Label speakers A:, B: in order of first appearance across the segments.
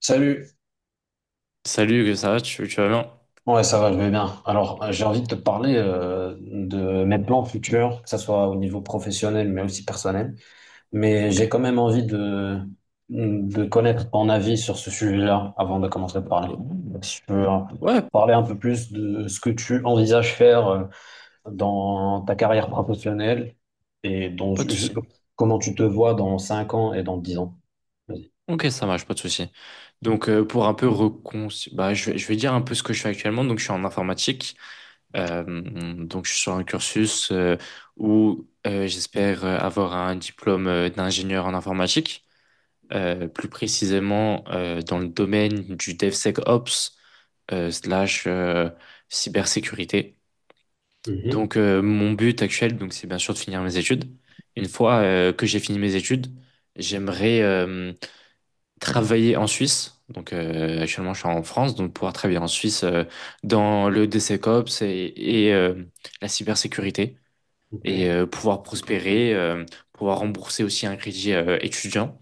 A: Salut.
B: Salut, que ça va, tu vas bien?
A: Ouais, ça va, je vais bien. Alors,
B: Ok.
A: j'ai envie de te parler de mes plans futurs, que ce soit au niveau professionnel, mais aussi personnel. Mais
B: Ok.
A: j'ai quand même envie de connaître ton avis sur ce sujet-là avant de commencer à parler. Donc, si tu peux
B: Ouais, p-
A: parler un peu plus de ce que tu envisages faire dans ta carrière professionnelle et dans,
B: Pas de souci.
A: comment tu te vois dans 5 ans et dans 10 ans. Vas-y.
B: Ok, ça marche, pas de souci. Donc, pour un peu bah, je vais dire un peu ce que je fais actuellement. Donc, je suis en informatique. Euh, donc, je suis sur un cursus où j'espère avoir un diplôme d'ingénieur en informatique. Plus précisément, dans le domaine du DevSecOps slash cybersécurité.
A: Mhm.
B: Donc mon but actuel, donc c'est bien sûr de finir mes études. Une fois que j'ai fini mes études, j'aimerais travailler en Suisse. Donc actuellement je suis en France, donc pouvoir travailler en Suisse dans le DCCOPS et la cybersécurité
A: Ok.
B: et pouvoir prospérer, pouvoir rembourser aussi un crédit étudiant.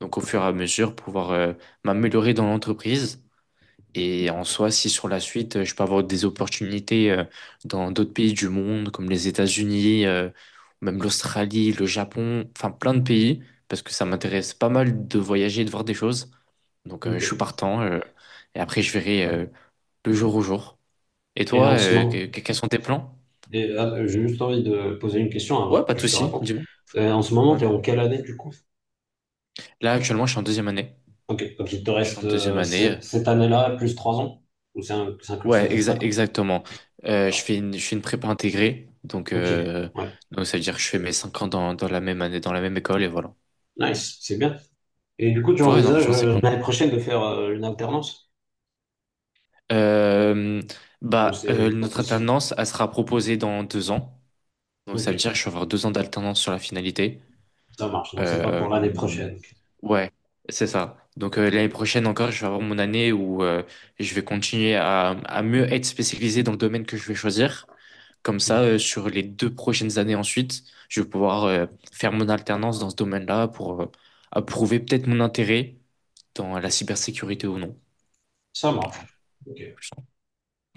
B: Donc au fur et à mesure pouvoir m'améliorer dans l'entreprise et en soi, si sur la suite, je peux avoir des opportunités dans d'autres pays du monde, comme les États-Unis, même l'Australie, le Japon, enfin plein de pays, parce que ça m'intéresse pas mal de voyager et de voir des choses. Donc
A: Ok.
B: je suis partant, et après je verrai le jour au jour. Et
A: Et
B: toi,
A: en ce moment,
B: quels sont tes plans?
A: et, j'ai juste envie de poser une question avant
B: Ouais, pas
A: que
B: de
A: je te
B: souci,
A: raconte.
B: dis-moi.
A: En ce moment,
B: Ouais.
A: tu es en quelle année du coup?
B: Là, actuellement, je suis en deuxième année.
A: Ok, donc il te
B: Je suis
A: reste
B: en deuxième année.
A: cette année-là plus trois ans? Ou c'est un cursus de cinq ans?
B: Exactement.
A: D'accord.
B: Je fais une prépa intégrée,
A: Ok, ouais,
B: donc ça veut dire que je fais mes 5 ans dans la même année, dans la même école, et voilà.
A: nice, c'est bien. Et du coup, tu
B: Ouais, non,
A: envisages
B: franchement, c'est cool.
A: l'année prochaine de faire une alternance?
B: Euh,
A: Ou
B: bah,
A: c'est pas
B: notre
A: possible?
B: alternance, elle sera proposée dans deux ans. Donc
A: Ok,
B: ça veut dire que je vais avoir deux ans d'alternance sur la finalité.
A: ça marche, donc c'est pas pour l'année
B: Euh,
A: prochaine.
B: ouais, c'est ça. Donc
A: Ok.
B: l'année prochaine encore, je vais avoir mon année où je vais continuer à mieux être spécialisé dans le domaine que je vais choisir. Comme
A: Hmm.
B: ça, sur les deux prochaines années ensuite, je vais pouvoir faire mon alternance dans ce domaine-là pour approuver peut-être mon intérêt dans la
A: Ok.
B: cybersécurité ou non.
A: Ça marche. Ok.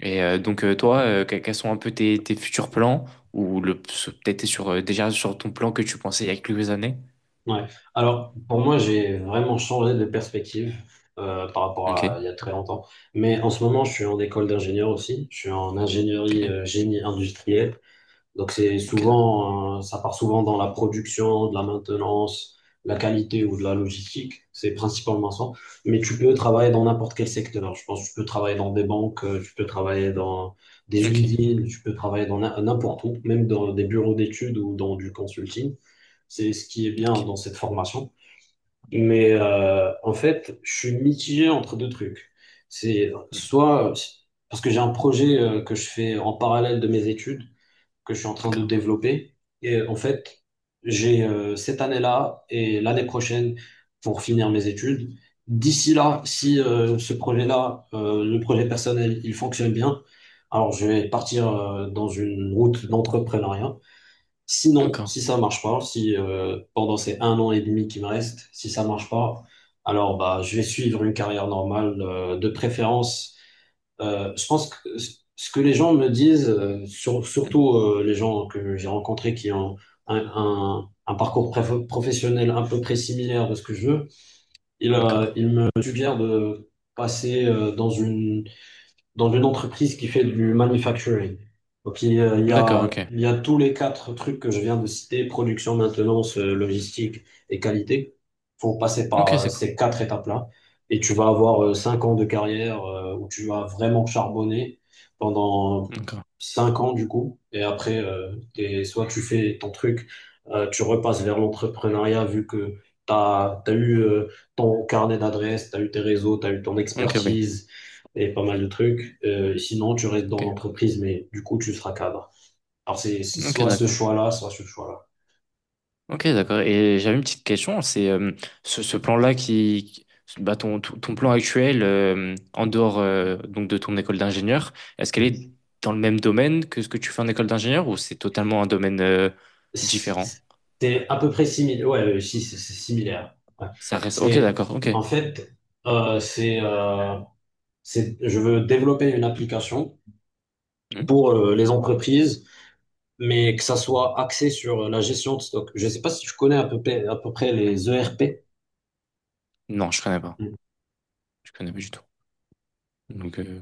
B: Et donc toi, quels sont un peu tes futurs plans ou le peut-être t'es sur déjà sur ton plan que tu pensais il y a quelques années?
A: Ouais. Alors, pour moi, j'ai vraiment changé de perspective par rapport à il y a
B: Ok,
A: très longtemps. Mais en ce moment, je suis en école d'ingénieur aussi. Je suis en ingénierie
B: ok,
A: génie industriel. Donc c'est
B: ok, d'accord.
A: souvent, ça part souvent dans la production, de la maintenance, la qualité ou de la logistique. C'est principalement ça. Mais tu peux travailler dans n'importe quel secteur. Je pense que tu peux travailler dans des banques, tu peux travailler dans des
B: Ok,
A: usines, tu peux travailler dans n'importe où, même dans des bureaux d'études ou dans du consulting. C'est ce qui est bien
B: ok.
A: dans cette formation. Mais en fait, je suis mitigé entre deux trucs. C'est
B: Hmm.
A: soit parce que j'ai un projet que je fais en parallèle de mes études que je suis en train de
B: D'accord,
A: développer. Et en fait, j'ai cette année-là et l'année prochaine pour finir mes études. D'ici là, si ce projet-là, le projet personnel, il fonctionne bien, alors je vais partir dans une route d'entrepreneuriat. Sinon,
B: d'accord.
A: si ça marche pas, si pendant ces un an et demi qui me reste, si ça marche pas, alors bah je vais suivre une carrière normale, de préférence je pense que ce que les gens me disent,
B: Hmm.
A: surtout les gens que j'ai rencontrés qui ont un parcours professionnel à peu près similaire de ce que je veux,
B: D'accord,
A: ils me suggèrent de passer dans une entreprise qui fait du manufacturing. Donc,
B: d'accord, ok,
A: il y a tous les quatre trucs que je viens de citer, production, maintenance, logistique et qualité. Faut passer
B: ok,
A: par
B: c'est quoi?
A: ces quatre étapes-là. Et tu vas avoir cinq ans de carrière où tu vas vraiment charbonner pendant
B: D'accord,
A: cinq ans, du coup. Et après, soit tu fais ton truc, tu repasses vers l'entrepreneuriat vu que tu as eu ton carnet d'adresses, tu as eu tes réseaux, tu as eu ton
B: ok, oui,
A: expertise et pas mal de trucs. Sinon, tu restes dans
B: ok,
A: l'entreprise, mais du coup, tu seras cadre. Alors, c'est
B: ok,
A: soit ce
B: d'accord.
A: choix-là, soit ce choix-là.
B: Ok, d'accord. Et j'avais une petite question, c'est ce plan-là qui, bah, ton, ton plan actuel en dehors donc de ton école d'ingénieur, est-ce qu'elle est
A: Mm.
B: dans le même domaine que ce que tu fais en école d'ingénieur ou c'est totalement un domaine différent?
A: C'est c'est à peu près similaire. Ouais, si, c'est similaire. Ouais.
B: Ça reste. Ok,
A: C'est,
B: d'accord. Ok.
A: en fait, euh, c'est, euh, je veux développer une application
B: Hmm.
A: pour les entreprises, mais que ça soit axé sur la gestion de stock. Je ne sais pas si tu connais à peu près les ERP.
B: Non, je connais pas. Je connais pas du tout. Donc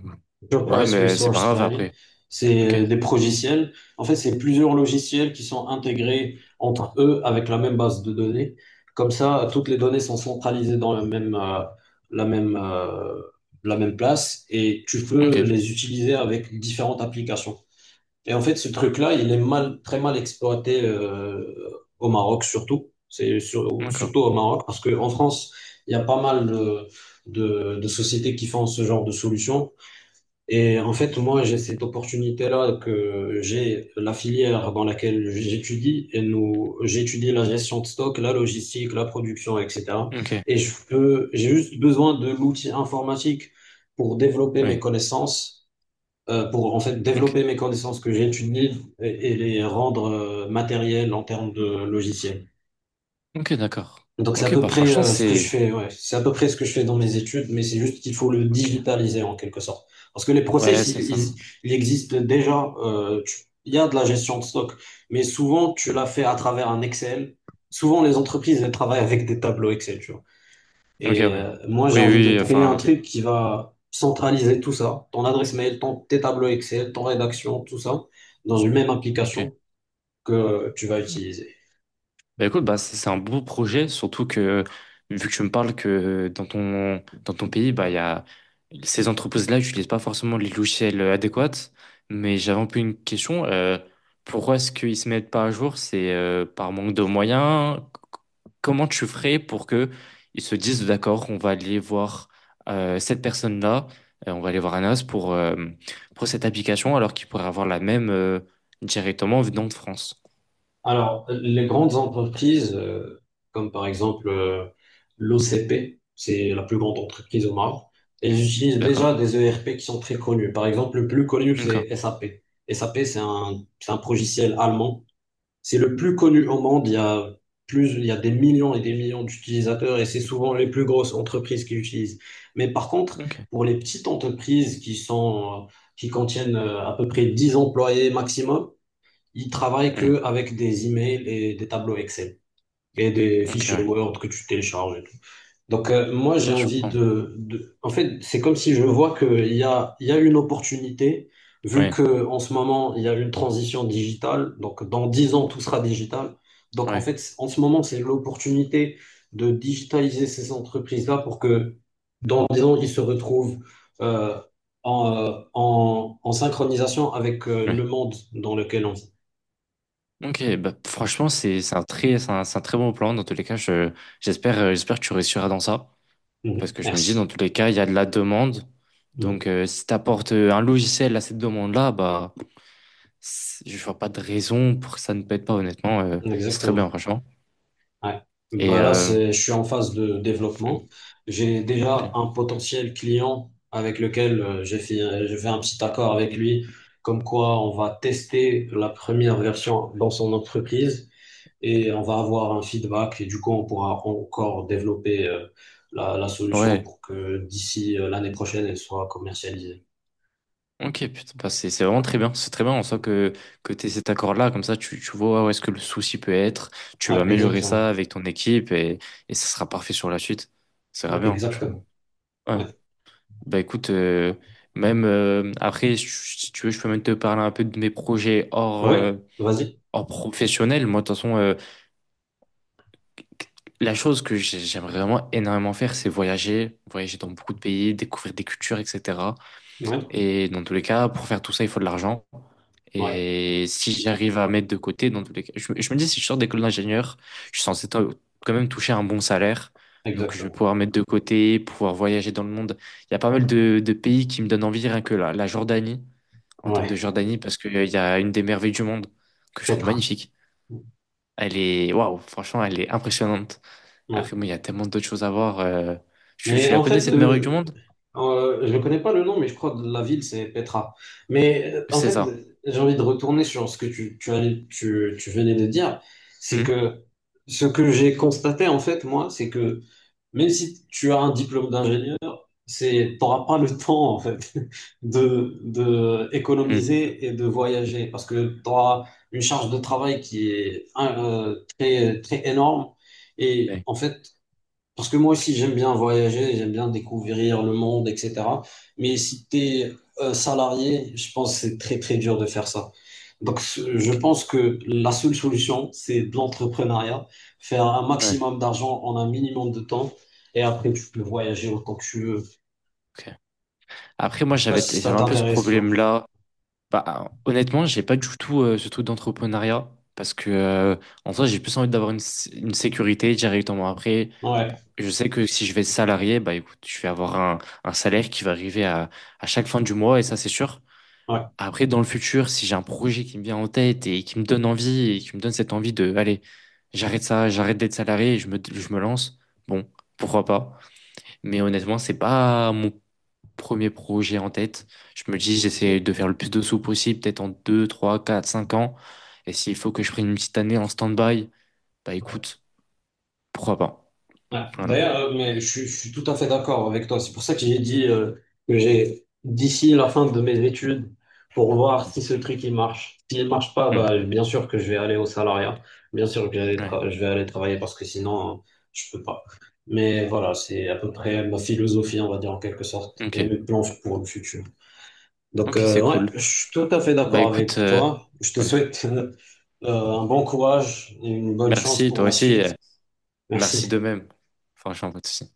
B: ouais,
A: Enterprise
B: mais c'est pas
A: Resource
B: grave
A: Planning,
B: après.
A: c'est
B: Ok.
A: des progiciels. En fait, c'est plusieurs logiciels qui sont intégrés entre eux avec la même base de données. Comme ça, toutes les données sont centralisées dans la même, la même, euh, la même place et tu
B: Ok.
A: peux les utiliser avec différentes applications. Et en fait, ce truc-là, il est mal, très mal exploité au Maroc surtout. C'est
B: D'accord.
A: surtout au Maroc parce qu'en France, il y a pas mal de sociétés qui font ce genre de solutions et en fait, moi, j'ai cette opportunité-là que j'ai la filière dans laquelle j'étudie et nous, j'étudie la gestion de stock, la logistique, la production, etc.
B: Ok.
A: Et je peux, j'ai juste besoin de l'outil informatique pour développer mes
B: Oui.
A: connaissances, pour en fait
B: Ok.
A: développer mes connaissances que j'étudie et les rendre matérielles en termes de logiciels.
B: Ok, d'accord.
A: Donc c'est à
B: Ok,
A: peu
B: bah
A: près
B: franchement
A: ce que je
B: c'est.
A: fais, ouais. C'est à peu près ce que je fais dans mes études, mais c'est juste qu'il faut le
B: Ok.
A: digitaliser en quelque sorte. Parce que les
B: Ouais,
A: process,
B: c'est ça.
A: ils existent déjà. Il y a de la gestion de stock, mais souvent tu
B: Hmm.
A: la fais à travers un Excel. Souvent les entreprises, elles travaillent avec des tableaux Excel, tu vois.
B: Ok,
A: Et
B: ouais.
A: moi j'ai
B: Oui,
A: envie de
B: oui,
A: créer un
B: enfin,
A: truc qui va centraliser tout ça, ton adresse mail, tes tableaux Excel, ton rédaction, tout ça, dans une même
B: ok.
A: application que tu vas utiliser.
B: Bah écoute, bah c'est un beau projet, surtout que vu que tu me parles que dans ton pays, bah il y a ces entreprises-là n'utilisent pas forcément les logiciels adéquats. Mais j'avais un peu une question. Pourquoi est-ce qu'ils ne se mettent pas à jour? C'est par manque de moyens. Comment tu ferais pour que ils se disent d'accord, on va aller voir cette personne-là, on va aller voir Anas pour cette application, alors qu'ils pourraient avoir la même directement venant de France.
A: Alors, les grandes entreprises, comme par exemple l'OCP, c'est la plus grande entreprise au Maroc, elles utilisent
B: D'accord.
A: déjà des ERP qui sont très connus. Par exemple, le plus connu,
B: Ok.
A: c'est SAP. SAP, c'est un logiciel allemand. C'est le plus connu au monde. Il y a plus, il y a des millions et des millions d'utilisateurs et c'est souvent les plus grosses entreprises qui l'utilisent. Mais par contre,
B: Ok.
A: pour les petites entreprises qui sont, qui contiennent à peu près 10 employés maximum, ils travaillent que avec des emails et des tableaux Excel et des
B: Ok,
A: fichiers
B: ouais.
A: Word que tu télécharges et tout. Donc, moi, j'ai
B: Ouais, je
A: envie
B: comprends.
A: en fait, c'est comme si je vois qu'il y a, il y a une opportunité, vu
B: Oui,
A: que en ce moment, il y a une transition digitale. Donc, dans 10 ans, tout sera digital. Donc, en
B: ouais,
A: fait, en ce moment, c'est l'opportunité de digitaliser ces entreprises-là pour que, dans 10 ans, ils se retrouvent euh, en synchronisation avec
B: ouais.
A: le monde dans lequel on vit.
B: Ok, bah, franchement, c'est un très, c'est un très bon plan. Dans tous les cas, j'espère, j'espère que tu réussiras dans ça. Parce
A: Mhm.
B: que je me dis,
A: Merci.
B: dans tous les cas, il y a de la demande.
A: Mhm.
B: Donc, si tu apportes un logiciel à cette demande-là, bah, c'est- je vois pas de raison pour que ça ne pète pas, honnêtement. C'est très bien,
A: Exactement.
B: franchement.
A: Ouais.
B: Et,
A: Bah là, c'est, je suis en phase de développement.
B: hmm,
A: J'ai
B: ok.
A: déjà un potentiel client avec lequel j'ai fait un petit accord avec lui, comme quoi on va tester la première version dans son entreprise et on va avoir un feedback et du coup, on pourra encore développer la solution
B: Ouais.
A: pour que d'ici l'année prochaine, elle soit commercialisée.
B: Ok, putain, bah, c'est vraiment très bien. C'est très bien en soi que tu aies cet accord-là. Comme ça, tu vois où est-ce que le souci peut être. Tu vas
A: Ouais,
B: améliorer
A: exactement.
B: ça avec ton équipe et ça sera parfait sur la suite. Ça
A: Ouais,
B: va bien, franchement.
A: exactement.
B: Ouais.
A: Ouais.
B: Bah écoute, même si tu veux, je peux même te parler un peu de mes projets hors,
A: Ouais, vas-y.
B: hors professionnel. Moi, de toute façon, la chose que j'ai- j'aimerais vraiment énormément faire, c'est voyager. Voyager dans beaucoup de pays, découvrir des cultures, etc.
A: Ouais.
B: Et dans tous les cas, pour faire tout ça, il faut de l'argent.
A: Ouais,
B: Et si j'arrive à mettre de côté, dans tous les cas, je me dis, si je sors d'école d'ingénieur, je suis censé to- quand même toucher un bon salaire. Donc, je vais
A: exactement.
B: pouvoir mettre de côté, pouvoir voyager dans le monde. Il y a pas mal de pays qui me donnent envie, rien que la Jordanie, en termes de
A: Ouais.
B: Jordanie, parce qu'il y a une des merveilles du monde que je trouve
A: Petra.
B: magnifique. Elle est, waouh, franchement, elle est impressionnante.
A: Ouais.
B: Après, moi, il y a tellement d'autres choses à voir.
A: Mais
B: Tu la
A: en
B: connais,
A: fait,
B: cette merveille du monde?
A: je ne connais pas le nom, mais je crois que la ville, c'est Petra. Mais en
B: C'est
A: fait,
B: ça.
A: j'ai envie de retourner sur ce que tu venais de dire. C'est
B: Hmm.
A: que ce que j'ai constaté, en fait, moi, c'est que même si tu as un diplôme d'ingénieur, c'est, t'auras pas le temps, en fait, de
B: Hmm.
A: économiser et de voyager parce que tu auras une charge de travail qui est très, très énorme. Et
B: Ouais.
A: en fait, parce que moi aussi, j'aime bien voyager, j'aime bien découvrir le monde, etc. Mais si tu es salarié, je pense que c'est très, très dur de faire ça. Donc, je
B: Ok.
A: pense que la seule solution, c'est de l'entrepreneuriat, faire un
B: Ouais.
A: maximum d'argent en un minimum de temps, et après, tu peux voyager autant que tu veux.
B: Ok. Après,
A: Je
B: moi,
A: sais pas si ça
B: j'avais un peu ce
A: t'intéresse, toi.
B: problème-là. Bah, honnêtement, j'ai pas du tout ce truc d'entrepreneuriat parce que, en soi, j'ai plus envie d'avoir une sécurité directement. Après,
A: Ouais,
B: je sais que si je vais être salarié, bah, écoute, je vais avoir un salaire qui va arriver à chaque fin du mois et ça, c'est sûr.
A: ouais.
B: Après, dans le futur, si j'ai un projet qui me vient en tête et qui me donne envie et qui me donne cette envie de, allez, j'arrête ça, j'arrête d'être salarié et je me lance, bon, pourquoi pas. Mais honnêtement, c'est pas mon premier projet en tête. Je me dis, j'essaie de faire le plus de sous possible, peut-être en 2, 3, 4, 5 ans. Et s'il faut que je prenne une petite année en stand-by, bah écoute, pourquoi pas.
A: Ouais.
B: Voilà.
A: D'ailleurs, mais je suis tout à fait d'accord avec toi. C'est pour ça que j'ai dit que j'ai d'ici la fin de mes études pour voir si ce truc il marche. S'il marche pas,
B: Hmm.
A: bah, bien sûr que je vais aller au salariat. Bien sûr que
B: Ouais.
A: je vais aller travailler parce que sinon, je peux pas. Mais voilà, c'est à peu près ma philosophie, on va dire en quelque sorte, et
B: Ok.
A: mes plans pour le futur. Donc,
B: Ok, c'est
A: ouais,
B: cool.
A: je suis tout à fait
B: Bah
A: d'accord
B: écoute,
A: avec toi. Je te
B: ouais.
A: souhaite un bon courage et une bonne chance
B: Merci, toi
A: pour la
B: aussi.
A: suite.
B: Merci
A: Merci.
B: de même. Franchement, pas de souci.